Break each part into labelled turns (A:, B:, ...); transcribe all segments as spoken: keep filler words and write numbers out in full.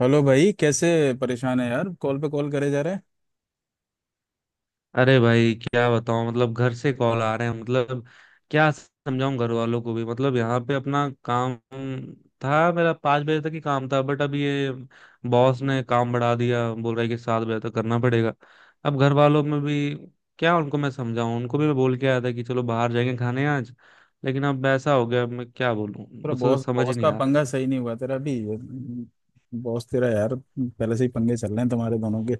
A: Hello भाई कैसे? परेशान है यार, कॉल पे कॉल करे जा रहे हैं।
B: अरे भाई क्या बताऊं मतलब घर से कॉल आ रहे हैं। मतलब क्या समझाऊं घर वालों को भी? मतलब यहाँ पे अपना काम था, मेरा पाँच बजे तक ही काम था, बट अब ये बॉस ने काम बढ़ा दिया, बोल रहा है कि सात बजे तक करना पड़ेगा। अब घर वालों में भी क्या उनको मैं समझाऊं? उनको भी मैं बोल के आया था कि चलो बाहर जाएंगे खाने आज। लेकिन अब ऐसा हो गया, अब मैं क्या बोलूं,
A: थोड़ा
B: मुझे तो
A: बॉस
B: समझ ही
A: बॉस
B: नहीं
A: का
B: आ रहा
A: पंगा
B: है
A: सही नहीं हुआ तेरा भी। बॉस तेरा यार पहले से ही पंगे चल रहे हैं तुम्हारे दोनों के।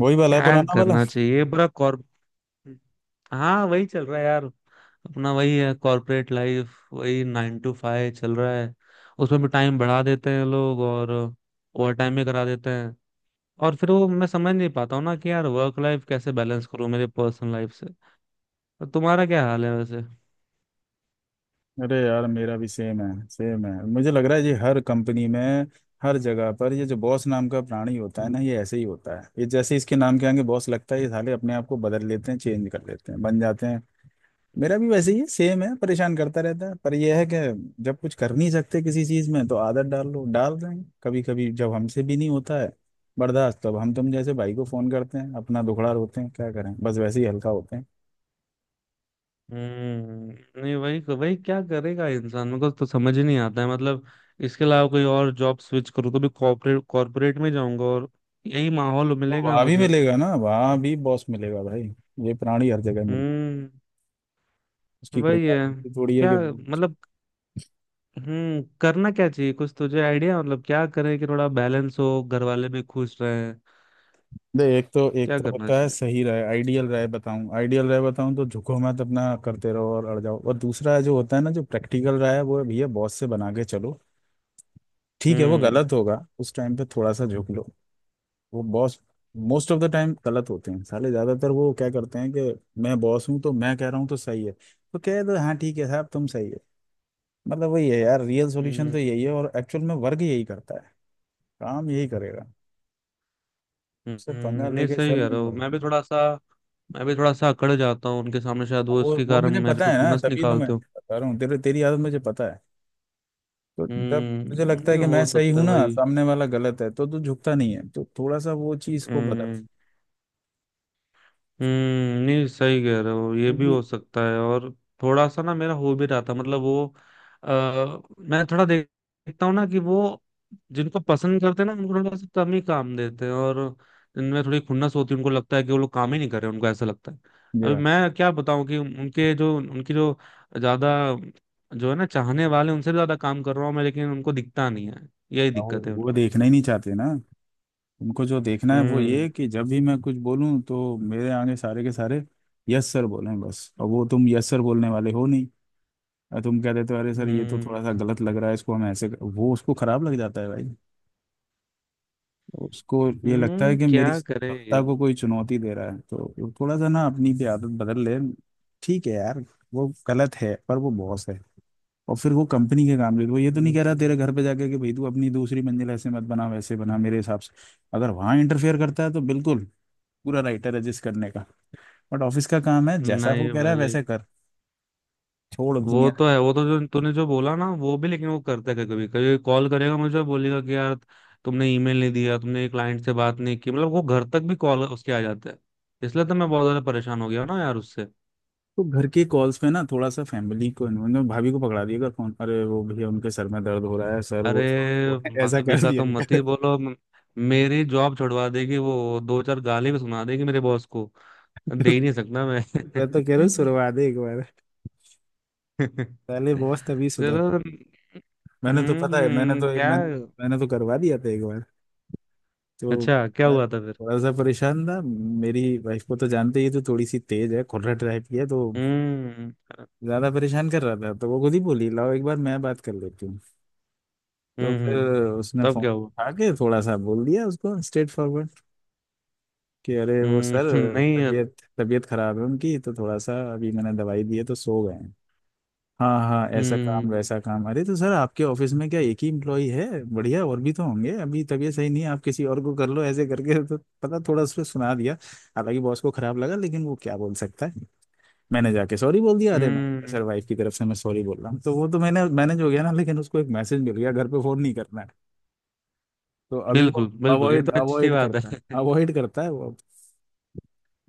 A: वही वाला है,
B: क्या
A: पुराना वाला।
B: करना चाहिए पूरा कॉर्प। हाँ, वही चल रहा है यार। अपना वही है, कॉर्पोरेट लाइफ, वही नाइन टू फाइव चल रहा है। उसमें भी टाइम बढ़ा देते हैं लोग और ओवर टाइम भी करा देते हैं। और फिर वो मैं समझ नहीं पाता हूँ ना कि यार वर्क लाइफ कैसे बैलेंस करूँ मेरे पर्सनल लाइफ से। तो तुम्हारा क्या हाल है वैसे?
A: अरे यार मेरा भी सेम है। सेम है, मुझे लग रहा है ये हर कंपनी में हर जगह पर ये जो बॉस नाम का प्राणी होता है ना, ये ऐसे ही होता है। ये जैसे इसके नाम के आगे बॉस लगता है, ये साले अपने आप को बदल लेते हैं, चेंज कर लेते हैं, बन जाते हैं। मेरा भी वैसे ही है, सेम है, परेशान करता रहता है। पर यह है कि जब कुछ कर नहीं सकते किसी चीज में तो आदत डाल लो। डाल रहे हैं कभी कभी, जब हमसे भी नहीं होता है बर्दाश्त तब हम तुम जैसे भाई को फोन करते हैं, अपना दुखड़ा रोते हैं, क्या करें, बस वैसे ही हल्का होते हैं।
B: हम्म। नहीं, वही वही क्या करेगा इंसान, मेरे को तो समझ ही नहीं आता है मतलब। इसके अलावा कोई और जॉब स्विच करूँ तो भी कॉर्पोरेट कॉर्पोरेट में जाऊंगा और यही माहौल
A: तो
B: मिलेगा
A: वहाँ भी
B: मुझे।
A: मिलेगा ना, वहाँ भी बॉस मिलेगा भाई। ये प्राणी हर जगह मिलता है।
B: हम्म।
A: उसकी कोई
B: वही है।
A: गारंटी थोड़ी है
B: क्या
A: कि
B: मतलब। हम्म, करना क्या चाहिए, कुछ तुझे आइडिया? मतलब क्या करें कि थोड़ा बैलेंस हो, घर वाले भी खुश रहें?
A: दे। एक तो एक
B: क्या
A: तो
B: करना
A: होता है
B: चाहिए?
A: सही राय, आइडियल राय बताऊं, आइडियल राय बताऊं तो झुको मत, अपना करते रहो और अड़ जाओ। और दूसरा जो होता है ना, जो प्रैक्टिकल राय है वो है, भैया बॉस से बना के चलो। ठीक है, वो
B: हम्म।
A: गलत होगा उस टाइम पे थोड़ा सा झुक लो। वो boss most of the time गलत होते हैं साले, ज्यादातर वो क्या करते हैं कि मैं बॉस हूँ तो मैं कह रहा हूँ तो सही है। तो कह दो, हाँ ठीक है साहब, तुम सही है। मतलब वही है यार, रियल सॉल्यूशन
B: हम्म।
A: तो यही है, और एक्चुअल में वर्ग यही करता है, काम यही करेगा।
B: हम्म,
A: उससे पंगा
B: नहीं
A: लेके
B: सही
A: चल
B: कह
A: नहीं
B: रहा हूँ।
A: वो।
B: मैं भी थोड़ा सा मैं भी थोड़ा सा अकड़ जाता हूँ उनके सामने, शायद वो
A: वो
B: इसके
A: वो मुझे
B: कारण मेरे
A: पता
B: पे
A: है ना,
B: खुन्नस
A: तभी तो मैं
B: निकालते हो।
A: बता रहा हूँ, तेरे तेरी आदत मुझे पता है। तो जब तुझे
B: हम्म।
A: लगता है
B: नहीं,
A: कि मैं
B: हो
A: सही
B: सकता
A: हूं
B: है
A: ना,
B: भाई।
A: सामने वाला गलत है, तो तू झुकता नहीं है। तो थोड़ा सा वो चीज को बदल।
B: हम्म। हम्म, नहीं सही कह रहे हो, ये भी
A: क्योंकि
B: हो सकता है। और थोड़ा सा ना मेरा हो भी रहा था मतलब वो आ, मैं थोड़ा देख- देखता हूँ ना कि वो जिनको पसंद करते हैं ना उनको थोड़ा सा कम ही काम देते हैं, और इनमें थोड़ी खुन्नस होती है। उनको लगता है कि वो लोग काम ही नहीं कर रहे, उनको ऐसा लगता है। अभी मैं क्या बताऊं कि उनके जो उनकी जो ज्यादा जो है ना चाहने वाले, उनसे भी ज्यादा काम कर रहा हूँ मैं, लेकिन उनको दिखता नहीं है, यही
A: वो
B: दिक्कत है
A: वो
B: उनको।
A: देखना ही नहीं चाहते ना। उनको जो देखना है वो ये
B: हम्म।
A: है कि जब भी मैं कुछ बोलूं तो मेरे आगे सारे के सारे यस सर बोलें बस। और वो तुम यस सर बोलने वाले हो नहीं, और तुम कह देते हो तो, अरे सर ये तो
B: हम्म।
A: थोड़ा सा गलत लग रहा है, इसको हम ऐसे कर-" वो उसको खराब लग जाता है भाई। उसको ये लगता है
B: हम्म,
A: कि मेरी
B: क्या करें
A: सत्ता
B: ये।
A: को कोई चुनौती दे रहा है। तो वो थोड़ा सा ना अपनी भी आदत बदल ले। ठीक है यार, वो गलत है पर वो बॉस है। और फिर वो कंपनी के काम ले, वो ये तो नहीं कह रहा तेरे
B: हम्म।
A: घर पे जाके कि भाई तू अपनी दूसरी मंजिल ऐसे मत बना, वैसे बना मेरे हिसाब से। अगर वहाँ इंटरफेयर करता है तो बिल्कुल पूरा राइट है रजिस्ट करने का। बट ऑफिस का काम है, जैसा वो
B: नहीं
A: कह रहा है
B: भाई,
A: वैसे कर, छोड़
B: वो
A: दुनिया।
B: तो है, वो तो जो तूने जो बोला ना वो भी, लेकिन वो करता है कभी कभी। कभी कॉल करेगा मुझे, बोलेगा कि यार तुमने ईमेल नहीं दिया, तुमने क्लाइंट से बात नहीं की, मतलब वो घर तक भी कॉल उसके आ जाता है। इसलिए तो मैं बहुत ज्यादा परेशान हो गया हूं ना यार उससे।
A: तो घर के कॉल्स पे ना थोड़ा सा फैमिली को इन्वॉल्व, भाभी को पकड़ा दिया कर फोन, अरे वो भैया उनके सर में दर्द हो रहा है, सर
B: अरे
A: वो वो है", ऐसा
B: भाभी
A: कर
B: का
A: दिया
B: तो मत ही
A: कर।
B: बोलो म- मेरी जॉब छुड़वा देगी वो, दो चार गाली भी सुना देगी मेरे बॉस को, दे ही नहीं सकता मैं।
A: मैं तो कह रहा हूँ सुनवा दे एक बार, पहले बॉस तभी सुधर।
B: चलो।
A: मैंने तो पता है, मैंने
B: हम्म,
A: तो
B: क्या?
A: मैंने मैंने तो करवा दिया था एक बार। तो
B: अच्छा, क्या
A: मैं
B: हुआ था?
A: थोड़ा सा परेशान था। मेरी वाइफ को तो जानते ही है, तो थोड़ी सी तेज है, खोलट टाइप की है, तो
B: हम्म।
A: ज्यादा परेशान कर रहा था तो वो खुद ही बोली, लाओ एक बार मैं बात कर लेती हूँ। तो फिर
B: हम्म।
A: उसने
B: तब
A: फोन
B: क्या हुआ?
A: उठा के थोड़ा सा बोल दिया उसको स्ट्रेट फॉरवर्ड कि अरे वो सर,
B: हम्म। नहीं है।
A: तबीयत तबीयत खराब है उनकी, तो थोड़ा सा अभी मैंने दवाई दी है तो सो गए हैं। हाँ हाँ ऐसा काम
B: हम्म।
A: वैसा काम, अरे तो सर आपके ऑफिस में क्या एक ही इम्प्लॉई है? बढ़िया और भी तो होंगे, अभी तबीयत सही नहीं है आप किसी और को कर लो, ऐसे करके तो पता थोड़ा उसने सुना दिया। हालांकि बॉस को खराब लगा, लेकिन वो क्या बोल सकता है। मैंने जाके सॉरी बोल दिया, अरे मैं
B: हम्म।
A: सर वाइफ की तरफ से मैं सॉरी बोल रहा हूँ। तो वो तो मैंने मैनेज हो गया ना, लेकिन उसको एक मैसेज मिल गया, घर पे फोन नहीं करना है। तो अभी
B: बिल्कुल
A: वो
B: बिल्कुल, ये
A: अवॉइड
B: तो अच्छी
A: अवॉइड
B: बात
A: करता है,
B: है।
A: अवॉइड करता है वो।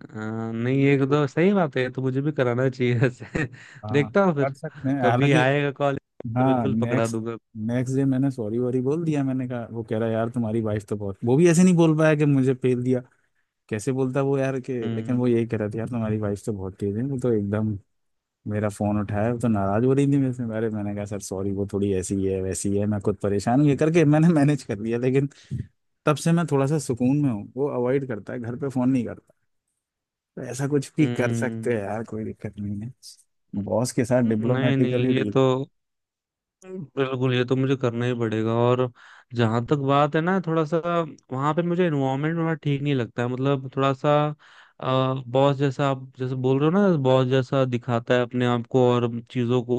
B: हाँ, नहीं ये तो सही बात है, ये तो मुझे भी कराना चाहिए ऐसे।
A: हाँ
B: देखता हूँ
A: कर
B: फिर।
A: सकते हैं
B: कभी
A: हालांकि।
B: आएगा कॉलेज तो
A: हाँ
B: बिल्कुल पकड़ा
A: नेक्स्ट।
B: दूंगा।
A: नेक्स्ट डे मैंने सॉरी वॉरी बोल दिया, मैंने कहा वो कह रहा यार तुम्हारी वाइफ तो बहुत, वो भी ऐसे नहीं बोल पाया कि मुझे फेल दिया, कैसे बोलता वो यार कि, लेकिन
B: हम्म।
A: वो यही कह रहा था यार तुम्हारी वाइफ तो बहुत तेज है, वो तो एकदम मेरा फोन उठाया, वो तो नाराज हो रही थी मेरे से। अरे मैंने कहा सर सॉरी, वो थोड़ी ऐसी ही है वैसी ही है, मैं खुद परेशान हूँ, ये करके मैंने मैनेज कर लिया। लेकिन तब से मैं थोड़ा सा सुकून में हूँ, वो अवॉइड करता है, घर पे फोन नहीं करता। तो ऐसा कुछ भी कर सकते हैं
B: हम्म।
A: यार, कोई दिक्कत नहीं है बॉस के साथ
B: नहीं नहीं,
A: डिप्लोमेटिकली
B: ये तो बिल्कुल, ये तो मुझे करना ही पड़ेगा। और जहां तक बात है ना, थोड़ा सा वहां पे मुझे एनवायरनमेंट थोड़ा ठीक नहीं लगता है, मतलब थोड़ा सा बॉस जैसा, आप जैसे बोल रहे हो ना, बॉस जैसा दिखाता है अपने आप को और चीजों को।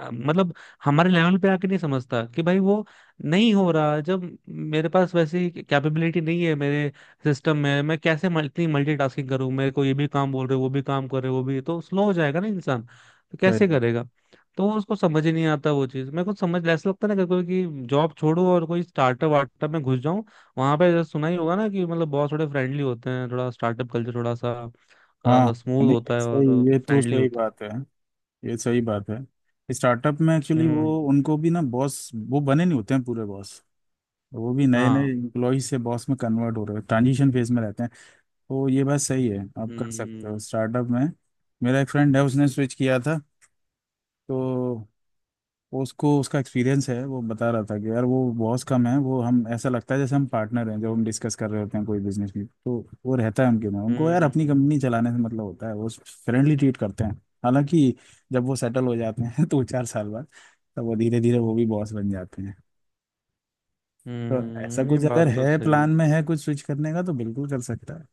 B: अ, मतलब हमारे लेवल पे आके नहीं समझता कि भाई वो नहीं हो रहा। जब मेरे पास वैसी कैपेबिलिटी नहीं है मेरे सिस्टम में, मैं कैसे मल- इतनी मल्टीटास्किंग करूं? मेरे को ये भी काम बोल रहे हो, वो भी काम कर रहे हो, वो भी तो स्लो हो जाएगा ना इंसान, तो कैसे
A: डील।
B: करेगा? तो उसको समझ ही नहीं आता वो चीज, मेरे को समझ ऐसा लगता है ना कि कोई कि जॉब छोड़ो और कोई स्टार्टअप वार्टअप में घुस जाऊं। वहां पे जैसे सुना ही होगा ना कि मतलब बॉस थोड़े फ्रेंडली होते हैं, थोड़ा स्टार्टअप कल्चर थोड़ा
A: हाँ
B: सा स्मूथ
A: नहीं ये
B: होता है
A: सही,
B: और
A: ये तो
B: फ्रेंडली
A: सही
B: होता है।
A: बात है, ये सही बात है। स्टार्टअप में एक्चुअली वो
B: हम्म।
A: उनको भी ना, बॉस वो बने नहीं होते हैं पूरे बॉस। वो भी नए
B: हाँ।
A: नए इम्प्लॉय से बॉस में कन्वर्ट हो रहे हैं, ट्रांजिशन फेज में रहते हैं। तो ये बात सही है, आप कर सकते हो
B: हम्म।
A: स्टार्टअप में। मेरा एक फ्रेंड है, उसने स्विच किया था, तो वो उसको उसका एक्सपीरियंस है, वो बता रहा था कि यार वो बहुत कम है, वो हम ऐसा लगता है जैसे हम पार्टनर हैं जब हम डिस्कस कर रहे होते हैं कोई बिजनेस भी। तो वो रहता है उनके में, उनको यार अपनी
B: हम्म।
A: कंपनी चलाने से मतलब होता है, वो फ्रेंडली ट्रीट करते हैं। हालांकि जब वो सेटल हो जाते हैं दो चार साल बाद तब वो धीरे धीरे वो भी बॉस बन जाते हैं। तो ऐसा
B: हम्म, ये
A: कुछ अगर
B: बात तो
A: है
B: सही
A: प्लान
B: है।
A: में है कुछ स्विच करने का, तो बिल्कुल कर सकता है।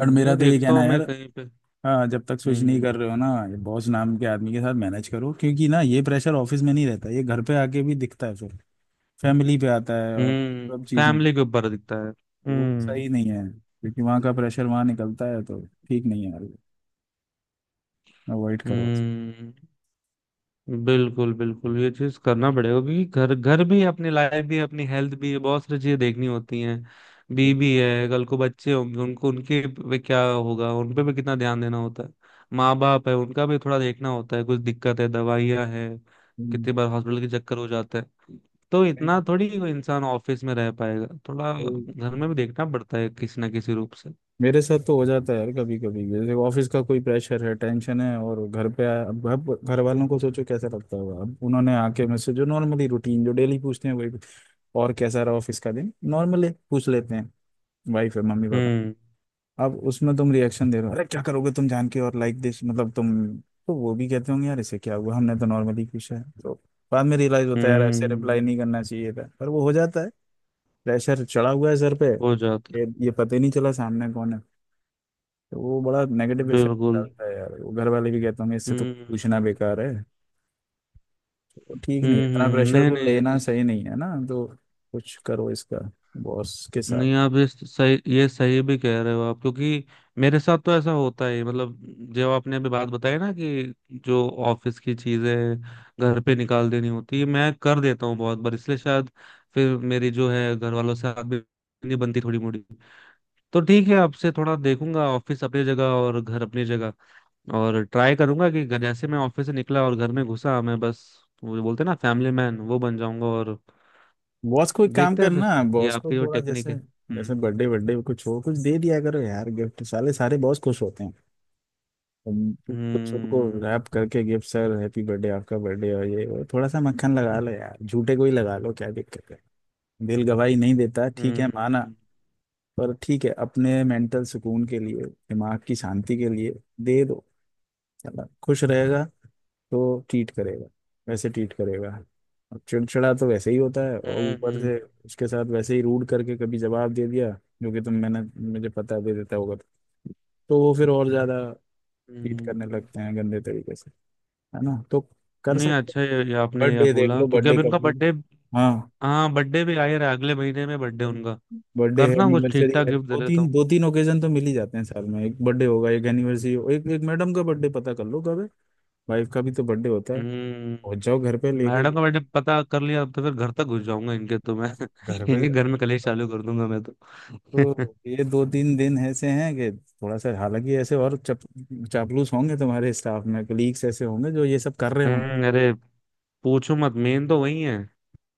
A: और मेरा
B: ये
A: तो ये
B: देखता
A: कहना
B: हूँ
A: है यार,
B: मैं कहीं पे।
A: हाँ जब तक स्विच नहीं
B: हम्म।
A: कर रहे हो ना, ये बॉस नाम के आदमी के साथ मैनेज करो, क्योंकि ना ये प्रेशर ऑफिस में नहीं रहता, ये घर पे आके भी दिखता है फिर, फैमिली पे आता है और
B: हम्म।
A: सब चीज़ें।
B: फैमिली के ऊपर दिखता है।
A: वो
B: हम्म।
A: सही नहीं है, क्योंकि वहाँ का प्रेशर वहाँ निकलता है तो। ठीक नहीं है यार, अवॉइड करो।
B: हम्म, बिल्कुल बिल्कुल, ये चीज करना पड़ेगा। क्योंकि घर घर भी है, अपनी लाइफ भी है, अपनी हेल्थ भी है, बहुत सारी चीजें देखनी होती हैं। बीबी है, कल को बच्चे होंगे, उनको उनके पे क्या होगा, उन पे भी कितना ध्यान देना होता है। माँ बाप है, उनका भी थोड़ा देखना होता है, कुछ दिक्कत है, दवाइयाँ है,
A: हम्म,
B: कितनी बार हॉस्पिटल के चक्कर हो जाते हैं। तो
A: नहीं,
B: इतना थोड़ी कोई इंसान ऑफिस में रह पाएगा, थोड़ा
A: नहीं।
B: घर में भी देखना पड़ता है किसी ना किसी रूप से।
A: मेरे साथ तो हो जाता है यार कभी कभी, जैसे ऑफिस का कोई प्रेशर है, टेंशन है, और घर पे आया, अब घर घर वालों को सोचो कैसा लगता होगा, अब उन्होंने आके मुझसे जो नॉर्मली रूटीन जो डेली पूछते हैं वही, और कैसा रहा ऑफिस का दिन, नॉर्मली पूछ लेते हैं, वाइफ है मम्मी पापा।
B: हम्म।
A: अब उसमें तुम रिएक्शन दे रहे हो, अरे क्या करोगे तुम जान के, और लाइक दिस, मतलब तुम। तो वो भी कहते होंगे यार इसे क्या हुआ, हमने तो नॉर्मली पूछा है तो। बाद में रियलाइज होता है यार ऐसे रिप्लाई
B: हम्म।
A: नहीं करना चाहिए था, पर वो हो जाता है। प्रेशर चढ़ा हुआ है सर पे।
B: हो जाता
A: ये ये पता ही नहीं चला सामने कौन है। तो वो बड़ा
B: है।
A: नेगेटिव इफेक्ट
B: बिल्कुल।
A: डालता है यार, वो घर वाले भी कहते होंगे इससे तो पूछना
B: हम्म।
A: बेकार है। तो वो ठीक नहीं है,
B: हम्म।
A: इतना
B: हम्म,
A: प्रेशर
B: नहीं
A: को लेना
B: नहीं।
A: सही नहीं है ना तो। कुछ करो इसका, बॉस के साथ।
B: नहीं, आप ये सही, ये सही भी कह रहे हो आप, क्योंकि मेरे साथ तो ऐसा होता है मतलब। जो आपने अभी बात बताई ना कि जो ऑफिस की चीजें घर पे निकाल देनी होती है, मैं कर देता हूँ बहुत बार, इसलिए शायद फिर मेरी जो है घर वालों से आग भी नहीं बनती थोड़ी मोड़ी। तो ठीक है, आपसे थोड़ा देखूंगा, ऑफिस अपनी जगह और घर अपनी जगह। और ट्राई करूंगा कि घर- जैसे मैं ऑफिस से निकला और घर में घुसा, मैं बस वो जो बोलते हैं ना फैमिली मैन वो बन जाऊंगा। और
A: बॉस को एक काम
B: देखते हैं फिर,
A: करना,
B: ये
A: बॉस को
B: आपकी जो
A: थोड़ा
B: टेक्निक
A: जैसे,
B: है।
A: जैसे
B: हम्म।
A: बर्थडे बर्थडे कुछ हो, कुछ दे दिया करो यार गिफ्ट, साले सारे बॉस खुश होते हैं तुम। कुछ उनको
B: हम्म।
A: रैप करके गिफ्ट, सर हैप्पी बर्थडे, आपका बर्थडे हो ये वो, थोड़ा सा मक्खन लगा लो यार, झूठे को ही लगा लो, क्या दिक्कत है। दिल गवाही नहीं देता, ठीक है माना,
B: हम्म।
A: पर ठीक है अपने मेंटल सुकून के लिए, दिमाग की शांति के लिए दे दो। है ना, खुश रहेगा तो ट्रीट करेगा, वैसे ट्रीट करेगा। अब चिड़चिड़ा तो वैसे ही होता है, और ऊपर
B: हम्म।
A: से उसके साथ वैसे ही रूड करके कभी जवाब दे दिया, जो कि तुम मैंने, मुझे पता है दे देता होगा, तो तो वो फिर और ज्यादा ट्रीट करने
B: हम्म।
A: लगते हैं गंदे तरीके से। है ना, तो कर
B: नहीं,
A: सकते।
B: अच्छा ये, ये आपने यह
A: बर्थडे देख
B: बोला
A: लो,
B: क्योंकि
A: बर्थडे
B: अभी
A: का
B: उनका
A: फूल।
B: बर्थडे?
A: हाँ
B: हाँ, बर्थडे भी आ ही रहा है, अगले महीने में बर्थडे उनका।
A: बर्थडे है,
B: करता हूँ कुछ ठीक
A: एनिवर्सरी
B: ठाक
A: है,
B: गिफ्ट दे
A: दो
B: देता
A: तीन
B: हूँ।
A: दो तीन ओकेजन तो मिल ही जाते हैं साल में, एक बर्थडे होगा, एक एनिवर्सरी हो, एक एक मैडम का बर्थडे पता कर लो कब है। वाइफ का भी तो बर्थडे होता है। पहुंच
B: हम्म,
A: जाओ घर पे लेके,
B: मैडम का बर्थडे पता कर लिया, अब तो फिर घर तक घुस जाऊंगा इनके तो मैं।
A: घर पे।
B: इनके घर में कलेश चालू कर दूंगा मैं तो।
A: तो ये दो तीन दिन ऐसे हैं कि थोड़ा सा, हालांकि ऐसे और चप, चापलूस होंगे तुम्हारे स्टाफ में, कलीग्स ऐसे होंगे जो ये सब कर रहे होंगे।
B: हम्म। अरे पूछो मत, मेन तो वही है।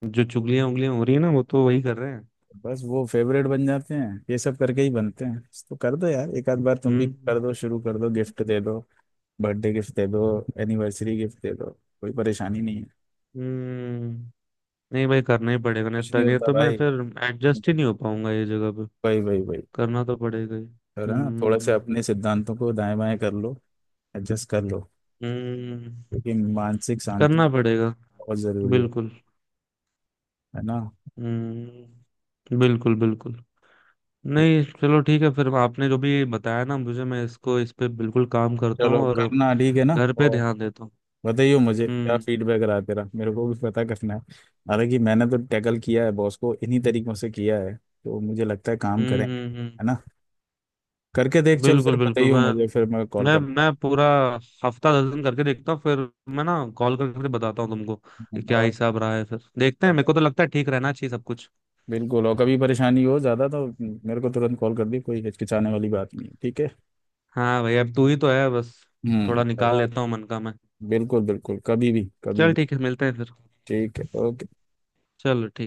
B: जो चुगलियां उंगलियां हो रही है ना वो तो वही कर रहे हैं।
A: बस वो फेवरेट बन जाते हैं, ये सब करके ही बनते हैं। तो कर दो यार एक आध बार, तुम भी
B: हम्म।
A: कर दो, शुरू कर दो, गिफ्ट दे दो, बर्थडे गिफ्ट दे दो, एनिवर्सरी गिफ्ट दे दो, कोई परेशानी नहीं है।
B: हम्म, नहीं भाई, करना ही पड़ेगा, नहीं
A: कुछ
B: तो
A: नहीं
B: नहीं
A: होता
B: तो मैं
A: भाई,
B: फिर एडजस्ट ही नहीं हो पाऊंगा ये जगह पे,
A: भाई भाई। भाई
B: करना तो पड़ेगा ही।
A: है ना, थोड़ा सा
B: हम्म।
A: अपने सिद्धांतों को दाएं बाएं कर लो, एडजस्ट कर लो,
B: हम्म,
A: क्योंकि मानसिक शांति
B: करना पड़ेगा।
A: बहुत जरूरी है
B: बिल्कुल।
A: है ना।
B: हम्म। बिल्कुल बिल्कुल। नहीं चलो ठीक है फिर, आपने जो भी बताया ना मुझे, मैं इसको, इस पे बिल्कुल काम करता हूँ।
A: चलो
B: और
A: करना, ठीक है ना।
B: घर पे
A: और
B: ध्यान देता हूँ।
A: बताइयो मुझे क्या
B: हम्म।
A: फीडबैक रहा तेरा, मेरे को भी पता करना है। हालांकि मैंने तो टैकल किया है बॉस को इन्हीं तरीकों से किया है, तो मुझे लगता है काम
B: हम्म।
A: करेंगे।
B: हम्म। हम्म।
A: है ना, करके देख चल, फिर
B: बिल्कुल बिल्कुल।
A: बताइयो मुझे,
B: मैं
A: फिर मैं कॉल
B: मैं
A: करता
B: मैं पूरा हफ्ता दस दिन करके देखता हूँ फिर। मैं ना कॉल करके फिर बताता हूँ तुमको कि
A: हूँ।
B: क्या
A: और
B: हिसाब रहा है, फिर देखते हैं। मेरे को तो लगता है ठीक रहना चाहिए सब कुछ।
A: बिल्कुल, और कभी परेशानी हो ज़्यादा तो मेरे को तुरंत कॉल कर दी, कोई हिचकिचाने वाली बात नहीं है, ठीक है।
B: हाँ भाई, अब तू ही तो है बस।
A: हम्म,
B: थोड़ा निकाल, हाँ, लेता हूँ मन का मैं।
A: बिल्कुल बिल्कुल, कभी भी कभी
B: चल
A: भी।
B: ठीक है, मिलते हैं फिर।
A: ठीक है, ओके।
B: चलो ठीक